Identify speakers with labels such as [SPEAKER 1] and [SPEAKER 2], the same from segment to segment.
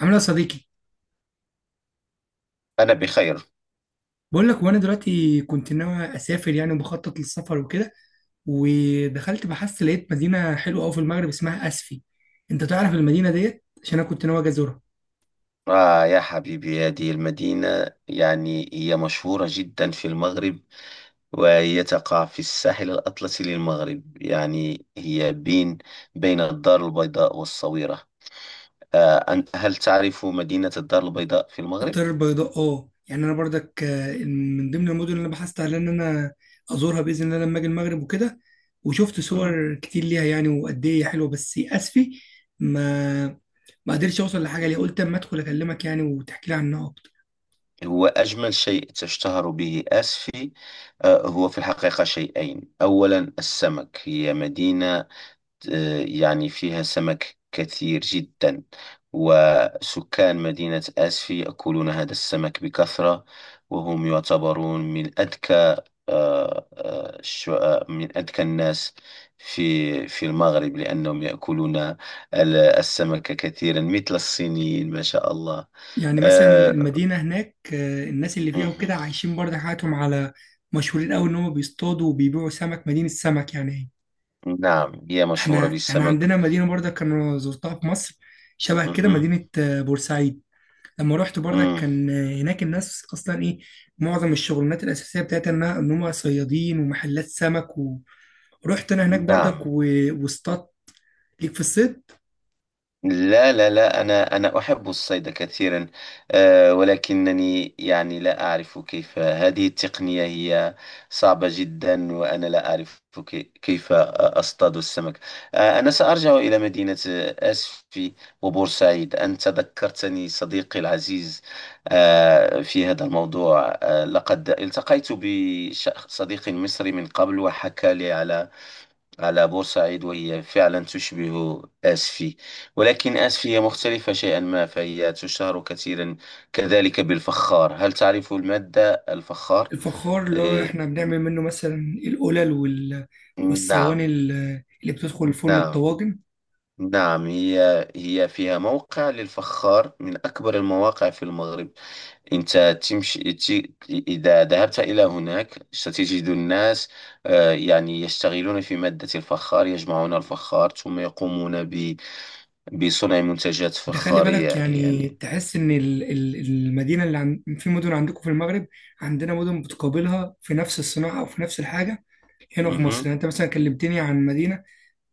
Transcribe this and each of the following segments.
[SPEAKER 1] عامل ايه يا صديقي؟
[SPEAKER 2] أنا بخير.
[SPEAKER 1] بقول لك، وانا دلوقتي كنت ناوي اسافر يعني وبخطط للسفر وكده. ودخلت بحثت لقيت مدينه حلوه قوي في المغرب اسمها اسفي. انت تعرف المدينه ديت؟ عشان انا كنت ناوي أجي ازورها.
[SPEAKER 2] آه يا حبيبي، هذه المدينة يعني هي مشهورة جدا في المغرب، وهي تقع في الساحل الأطلسي للمغرب، يعني هي بين الدار البيضاء والصويرة. هل تعرف مدينة الدار البيضاء في المغرب؟
[SPEAKER 1] الدار البيضاء، اه، يعني انا برضك من ضمن المدن اللي أنا بحثت على ان انا ازورها باذن الله لما اجي المغرب وكده. وشفت
[SPEAKER 2] مم.
[SPEAKER 1] صور كتير ليها يعني وقد ايه هي حلوه، بس اسفي ما ما قدرتش اوصل لحاجه ليها، قلت اما ادخل اكلمك يعني وتحكي لي عنها أكتر.
[SPEAKER 2] هو أجمل شيء تشتهر به آسفي؟ هو في الحقيقة شيئين، أولا السمك. هي مدينة، يعني فيها سمك كثير جدا، وسكان مدينة آسفي يأكلون هذا السمك بكثرة، وهم يعتبرون من أذكى، من أذكى الناس في المغرب، لأنهم يأكلون السمك كثيرا مثل الصينيين، ما شاء الله.
[SPEAKER 1] يعني مثلا
[SPEAKER 2] آه،
[SPEAKER 1] المدينة هناك، الناس اللي فيها
[SPEAKER 2] مهم.
[SPEAKER 1] وكده عايشين برضه حياتهم على، مشهورين قوي إن هم بيصطادوا وبيبيعوا سمك، مدينة سمك يعني.
[SPEAKER 2] نعم هي مشهورة
[SPEAKER 1] إحنا
[SPEAKER 2] بالسمك.
[SPEAKER 1] عندنا مدينة برضه كان زرتها في مصر شبه كده،
[SPEAKER 2] مهم.
[SPEAKER 1] مدينة بورسعيد. لما رحت برضه
[SPEAKER 2] مم.
[SPEAKER 1] كان، هناك الناس أصلا إيه، معظم الشغلانات الأساسية بتاعتها إنها إن هم صيادين ومحلات سمك. ورحت أنا هناك برضك
[SPEAKER 2] نعم.
[SPEAKER 1] واصطادت ليك في الصيد؟
[SPEAKER 2] لا، لا، لا، أنا أحب الصيد كثيرا. ولكنني يعني لا أعرف كيف، هذه التقنية هي صعبة جدا، وأنا لا أعرف كيف أصطاد السمك. أنا سأرجع إلى مدينة أسفي. وبورسعيد أنت ذكرتني صديقي العزيز في هذا الموضوع. لقد التقيت بصديق مصري من قبل، وحكى لي على بورسعيد، وهي فعلا تشبه آسفي، ولكن آسفي هي مختلفة شيئا ما، فهي تشتهر كثيرا كذلك بالفخار. هل تعرف المادة الفخار؟
[SPEAKER 1] الفخار اللي هو
[SPEAKER 2] آه،
[SPEAKER 1] احنا بنعمل منه مثلا القلل
[SPEAKER 2] نعم.
[SPEAKER 1] والصواني اللي بتدخل الفرن،
[SPEAKER 2] نعم.
[SPEAKER 1] الطواجن.
[SPEAKER 2] نعم هي فيها موقع للفخار من أكبر المواقع في المغرب. أنت تمشي، إذا ذهبت إلى هناك، ستجد الناس يعني يشتغلون في مادة الفخار، يجمعون الفخار، ثم يقومون بصنع منتجات
[SPEAKER 1] انت خلي بالك
[SPEAKER 2] فخارية،
[SPEAKER 1] يعني
[SPEAKER 2] يعني.
[SPEAKER 1] تحس ان المدينه اللي في مدن عندكم في المغرب عندنا مدن بتقابلها في نفس الصناعه او في نفس الحاجه. هنا في مصر
[SPEAKER 2] مهم.
[SPEAKER 1] يعني انت مثلا كلمتني عن مدينه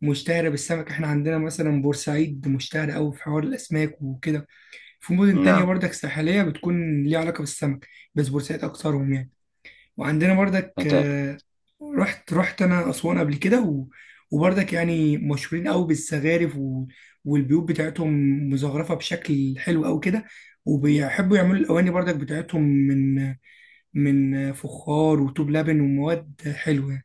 [SPEAKER 1] مشتهره بالسمك، احنا عندنا مثلا بورسعيد مشتهره قوي في حوار الاسماك وكده. في مدن تانية
[SPEAKER 2] نعم.
[SPEAKER 1] برضك ساحليه بتكون ليها علاقه بالسمك، بس بورسعيد اكترهم يعني. وعندنا بردك،
[SPEAKER 2] هذا-
[SPEAKER 1] رحت انا اسوان قبل كده وبردك يعني مشهورين قوي بالزخارف والبيوت بتاعتهم مزخرفه بشكل حلو قوي كده، وبيحبوا يعملوا الاواني بردك بتاعتهم من فخار وطوب لبن ومواد حلوه.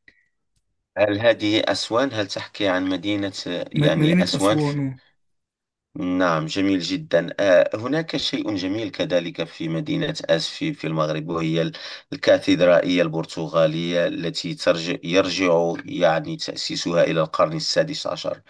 [SPEAKER 2] هل هذه أسوان؟ هل تحكي عن مدينة يعني
[SPEAKER 1] مدينه
[SPEAKER 2] أسوان
[SPEAKER 1] اسوان
[SPEAKER 2] في...؟
[SPEAKER 1] آه.
[SPEAKER 2] نعم، جميل جدا. هناك شيء جميل كذلك في مدينة أس في المغرب، وهي الكاتدرائية البرتغالية التي يرجع يعني تأسيسها إلى القرن السادس عشر.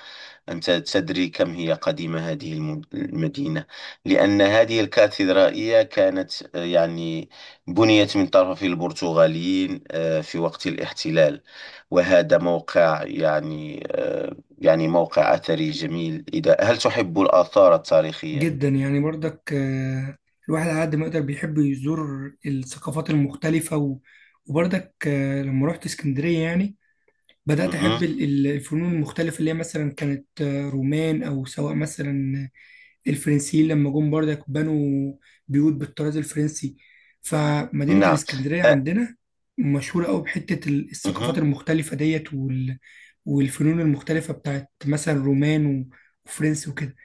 [SPEAKER 2] أنت تدري كم هي قديمة هذه المدينة، لأن هذه الكاتدرائية كانت، يعني بنيت من طرف البرتغاليين في وقت الاحتلال. وهذا موقع يعني، يعني موقع أثري جميل. إذا هل تحب الآثار التاريخية؟
[SPEAKER 1] جدا، يعني بردك، الواحد على قد ما يقدر بيحب يزور الثقافات المختلفه وبردك، لما رحت اسكندريه يعني بدأت
[SPEAKER 2] مهم.
[SPEAKER 1] أحب الفنون المختلفة اللي هي مثلا كانت رومان، أو سواء مثلا الفرنسيين لما جم برضك بنوا بيوت بالطراز الفرنسي. فمدينة
[SPEAKER 2] نعم.
[SPEAKER 1] الإسكندرية
[SPEAKER 2] أ-
[SPEAKER 1] عندنا مشهورة أوي بحتة الثقافات
[SPEAKER 2] مهم.
[SPEAKER 1] المختلفة ديت والفنون المختلفة بتاعت مثلا رومان وفرنسي وكده.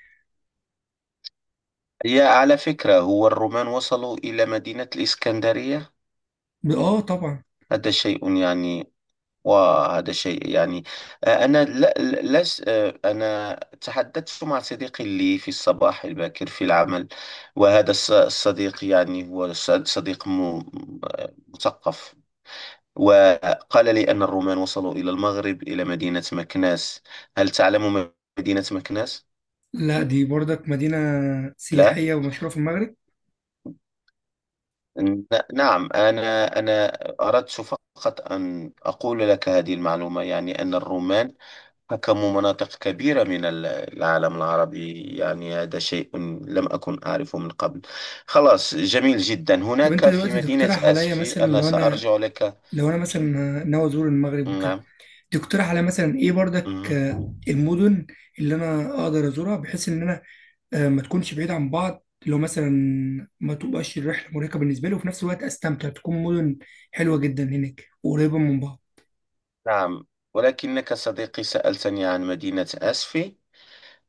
[SPEAKER 2] يا على فكرة، هو الرومان وصلوا إلى مدينة الإسكندرية؟
[SPEAKER 1] آه، طبعا.
[SPEAKER 2] هذا شيء يعني. وهذا شيء يعني، أنا لا لا- لس آه، أنا تحدثت مع صديقي لي في الصباح الباكر في العمل. وهذا الصديق يعني هو صديق مثقف، وقال لي أن الرومان وصلوا إلى المغرب، إلى مدينة مكناس. هل تعلم مدينة مكناس؟
[SPEAKER 1] لا، دي برضك مدينة
[SPEAKER 2] لا.
[SPEAKER 1] سياحية ومشهورة في المغرب.
[SPEAKER 2] ن- نعم، أنا أردت فقط أن أقول لك هذه المعلومة، يعني أن الرومان حكموا مناطق كبيرة من العالم العربي. يعني هذا شيء لم أكن أعرفه من قبل. خلاص، جميل جدا.
[SPEAKER 1] طب أنت
[SPEAKER 2] هناك في
[SPEAKER 1] دلوقتي
[SPEAKER 2] مدينة
[SPEAKER 1] تقترح عليا
[SPEAKER 2] أسفي
[SPEAKER 1] مثلا،
[SPEAKER 2] أنا
[SPEAKER 1] لو أنا
[SPEAKER 2] سأرجع لك.
[SPEAKER 1] لو أنا مثلا ناوي أزور المغرب وكده،
[SPEAKER 2] نعم.
[SPEAKER 1] تقترح على مثلا ايه برضك،
[SPEAKER 2] مهم.
[SPEAKER 1] المدن اللي انا اقدر ازورها بحيث ان انا، ما تكونش بعيدة عن بعض، لو مثلا ما تبقاش الرحلة مرهقة بالنسبة لي، وفي نفس الوقت استمتع، تكون مدن حلوة جدا هناك وقريبة من بعض.
[SPEAKER 2] نعم، ولكنك صديقي سألتني عن مدينة أسفي،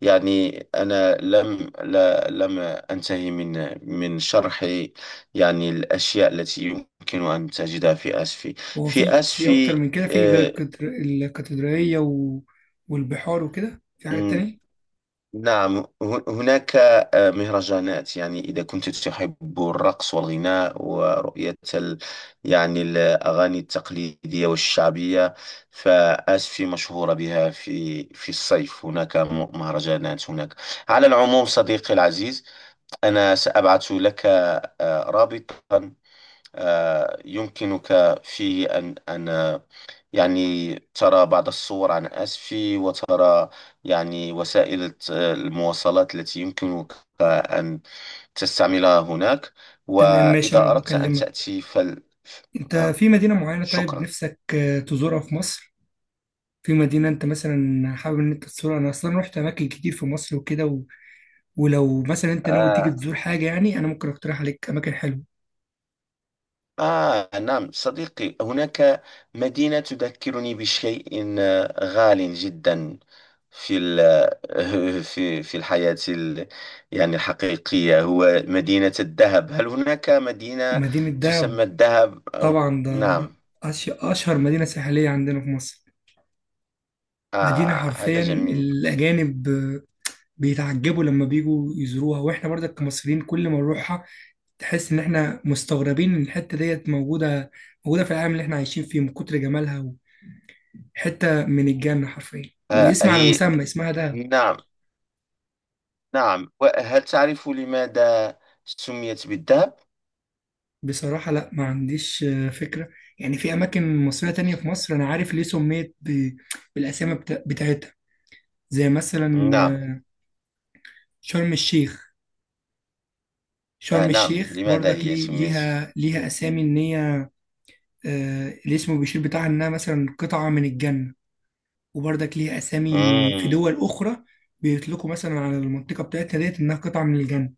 [SPEAKER 2] يعني أنا لم أنتهي من شرح، يعني الأشياء التي يمكن أن تجدها في أسفي.
[SPEAKER 1] هو
[SPEAKER 2] في
[SPEAKER 1] في، اكتر
[SPEAKER 2] أسفي،
[SPEAKER 1] من كده؟ في غير
[SPEAKER 2] آه،
[SPEAKER 1] الكاتدرائية والبحار وكده، في حاجة تانية؟
[SPEAKER 2] نعم هناك مهرجانات، يعني إذا كنت تحب الرقص والغناء ورؤية ال... يعني الأغاني التقليدية والشعبية، فآسفي مشهورة بها. في الصيف هناك مهرجانات هناك. على العموم صديقي العزيز، أنا سأبعث لك رابطا، يمكنك فيه أن يعني ترى بعض الصور عن آسفي، وترى يعني وسائل المواصلات التي يمكنك أن تستعملها هناك.
[SPEAKER 1] تمام، ماشي، انا
[SPEAKER 2] وإذا أردت أن
[SPEAKER 1] بكلمك.
[SPEAKER 2] تأتي فل...
[SPEAKER 1] انت
[SPEAKER 2] نعم.
[SPEAKER 1] في مدينة معينة طيب
[SPEAKER 2] شكرا.
[SPEAKER 1] نفسك، تزورها في مصر؟ في مدينة انت مثلا حابب ان انت تزورها؟ انا اصلا رحت اماكن كتير في مصر وكده، ولو مثلا انت ناوي تيجي
[SPEAKER 2] آه،
[SPEAKER 1] تزور حاجة يعني، انا ممكن اقترح عليك اماكن حلوة.
[SPEAKER 2] آه نعم صديقي، هناك مدينة تذكرني بشيء غال جدا في في الحياة يعني الحقيقية، هو مدينة الذهب. هل هناك مدينة
[SPEAKER 1] مدينة دهب.
[SPEAKER 2] تسمى الذهب
[SPEAKER 1] طبعا، ده
[SPEAKER 2] نعم؟
[SPEAKER 1] اشهر مدينة ساحلية عندنا في مصر. مدينة
[SPEAKER 2] آه هذا
[SPEAKER 1] حرفيا
[SPEAKER 2] جميل.
[SPEAKER 1] الاجانب بيتعجبوا لما بيجوا يزوروها، واحنا برضك كمصريين كل ما نروحها تحس ان احنا مستغربين ان الحتة ديت موجودة، في العالم اللي احنا عايشين فيه، من كتر جمالها. حتة من الجنة حرفيا،
[SPEAKER 2] آه
[SPEAKER 1] واسم على
[SPEAKER 2] هي.
[SPEAKER 1] مسمى، اسمها دهب.
[SPEAKER 2] نعم. نعم، وهل تعرف لماذا سميت بالذهب؟
[SPEAKER 1] بصراحة لا، ما عنديش، فكرة. يعني في أماكن مصرية تانية في مصر أنا عارف ليه سميت بالأسامي بتاعتها، زي مثلا،
[SPEAKER 2] نعم.
[SPEAKER 1] شرم الشيخ.
[SPEAKER 2] آه
[SPEAKER 1] شرم
[SPEAKER 2] نعم،
[SPEAKER 1] الشيخ
[SPEAKER 2] لماذا
[SPEAKER 1] برضك
[SPEAKER 2] هي
[SPEAKER 1] ليه؟
[SPEAKER 2] سميت؟
[SPEAKER 1] ليها أسامي إن هي، الاسم بيشير بتاعها إنها مثلا قطعة من الجنة. وبرضك ليها أسامي في
[SPEAKER 2] مم،
[SPEAKER 1] دول أخرى، بيطلقوا مثلا على المنطقة بتاعتنا ديت إنها قطعة من الجنة،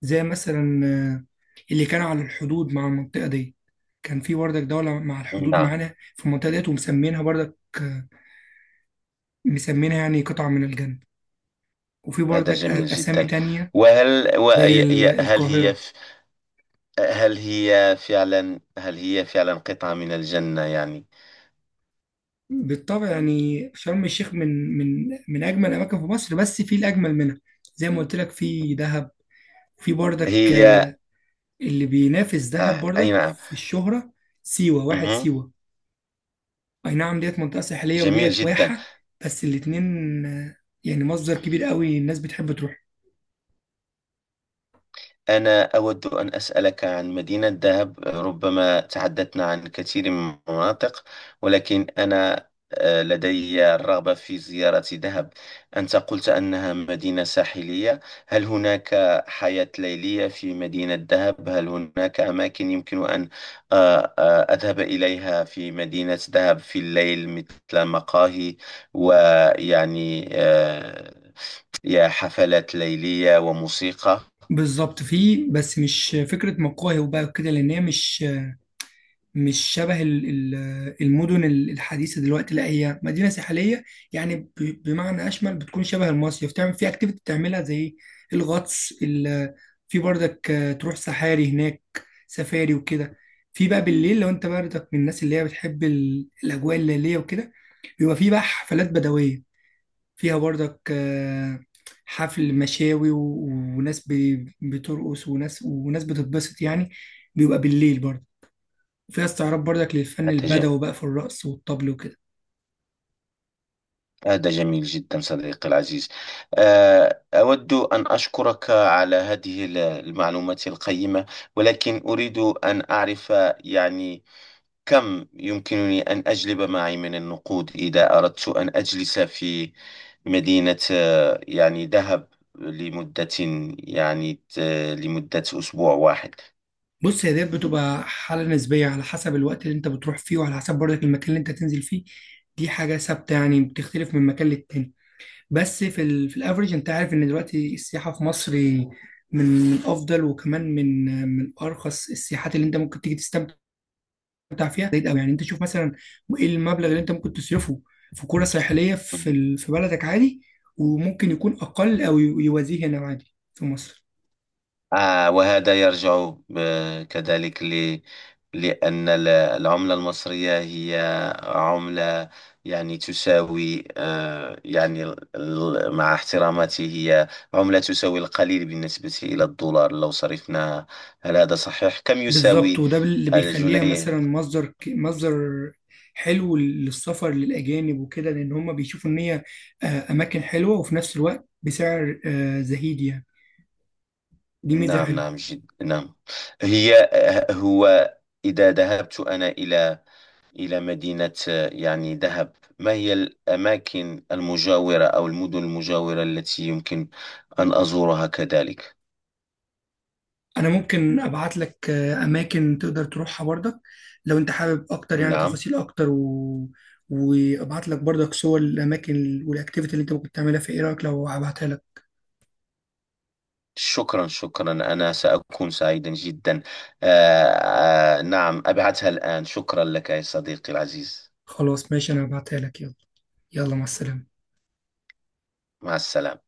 [SPEAKER 1] زي مثلا، اللي كانوا على الحدود مع المنطقة دي. كان في بردك دولة مع الحدود
[SPEAKER 2] نعم.
[SPEAKER 1] معانا في المنطقة ديت ومسمينها بردك، مسمينها يعني قطعة من الجنة. وفي
[SPEAKER 2] هذا
[SPEAKER 1] بردك
[SPEAKER 2] جميل
[SPEAKER 1] أسامي
[SPEAKER 2] جدا.
[SPEAKER 1] تانية،
[SPEAKER 2] وهل
[SPEAKER 1] زي
[SPEAKER 2] وي- ي- هل هي
[SPEAKER 1] القاهرة.
[SPEAKER 2] ف- هل هي فعلا قطعة من الجنة يعني؟
[SPEAKER 1] بالطبع يعني شرم الشيخ من، أجمل الأماكن في مصر، بس في الأجمل منها، زي ما قلت لك، في دهب. في بردك،
[SPEAKER 2] هي.
[SPEAKER 1] اللي بينافس دهب
[SPEAKER 2] آه أي
[SPEAKER 1] بردك
[SPEAKER 2] نعم.
[SPEAKER 1] في الشهرة، سيوة. واحد
[SPEAKER 2] مهم.
[SPEAKER 1] سيوة. اي نعم، ديت منطقة ساحلية
[SPEAKER 2] جميل
[SPEAKER 1] وديت
[SPEAKER 2] جدا.
[SPEAKER 1] واحة، بس الاتنين، يعني مصدر كبير قوي الناس بتحب تروح.
[SPEAKER 2] أنا أود أن أسألك عن مدينة دهب. ربما تحدثنا عن كثير من المناطق، ولكن أنا لدي الرغبة في زيارة دهب. أنت قلت أنها مدينة ساحلية. هل هناك حياة ليلية في مدينة دهب؟ هل هناك أماكن يمكن أن أذهب إليها في مدينة دهب في الليل، مثل مقاهي، ويعني يا حفلات ليلية وموسيقى؟
[SPEAKER 1] بالظبط، فيه، بس مش فكرة مقاهي وبقى كده، لأن هي مش، شبه المدن الحديثة دلوقتي. لا، هي مدينة ساحلية يعني بمعنى أشمل، بتكون شبه المصيف، تعمل في أكتيفيتي بتعملها زي الغطس، في برضك، تروح سحاري هناك، سفاري وكده. في بقى بالليل، لو أنت برضك من الناس اللي هي بتحب الأجواء الليلية وكده، بيبقى في بقى حفلات بدوية فيها برضك، حفل مشاوي وناس بترقص، وناس بتتبسط يعني. بيبقى بالليل برضه، وفيها استعراض برضك للفن
[SPEAKER 2] هذا ج...
[SPEAKER 1] البدوي بقى، في الرقص والطبل وكده.
[SPEAKER 2] هذا جميل جدا صديقي العزيز. أود أن أشكرك على هذه المعلومات القيمة. ولكن أريد أن أعرف، يعني كم يمكنني أن أجلب معي من النقود إذا أردت أن أجلس في مدينة، يعني دهب، لمدة، يعني لمدة أسبوع واحد.
[SPEAKER 1] بص، هي ديت بتبقى حالة نسبية على حسب الوقت اللي انت بتروح فيه، وعلى حسب برضك المكان اللي انت تنزل فيه. دي حاجة ثابتة يعني، بتختلف من مكان للتاني. بس في في الافريج، انت عارف ان دلوقتي السياحة في مصر من، افضل، وكمان من ارخص السياحات اللي انت ممكن تيجي تستمتع فيها، زي أوي يعني. انت شوف مثلا ايه المبلغ اللي انت ممكن تصرفه في قرى ساحلية في في بلدك عادي، وممكن يكون اقل او يوازيه هنا عادي في مصر.
[SPEAKER 2] وهذا يرجع كذلك ل... لأن العملة المصرية هي عملة، يعني تساوي يعني، مع احتراماتي، هي عملة تساوي القليل بالنسبة إلى الدولار لو صرفناها. هل هذا صحيح؟ كم
[SPEAKER 1] بالظبط،
[SPEAKER 2] يساوي
[SPEAKER 1] وده اللي بيخليها
[SPEAKER 2] الجنيه؟
[SPEAKER 1] مثلا مصدر حلو للسفر للأجانب وكده، لأن هم بيشوفوا إن هي، أماكن حلوة وفي نفس الوقت بسعر، زهيد يعني. دي ميزة
[SPEAKER 2] نعم،
[SPEAKER 1] حلوة.
[SPEAKER 2] نعم، نعم. هي هو، إذا ذهبت أنا إلى مدينة، يعني دهب، ما هي الأماكن المجاورة أو المدن المجاورة التي يمكن أن أزورها كذلك؟
[SPEAKER 1] أنا ممكن أبعت لك، أماكن تقدر تروحها برضك لو أنت حابب أكتر يعني
[SPEAKER 2] نعم.
[SPEAKER 1] تفاصيل أكتر وأبعت لك برضك صور الأماكن والأكتيفيتي اللي أنت ممكن تعملها في. إيه رأيك لو أبعتها لك؟
[SPEAKER 2] شكرا، شكرا. أنا سأكون سعيدا جدا. آه آه نعم، أبعثها الآن. شكرا لك يا صديقي العزيز.
[SPEAKER 1] خلاص ماشي، أنا هبعتها لك. يلا، يلا، مع السلامة.
[SPEAKER 2] مع السلامة.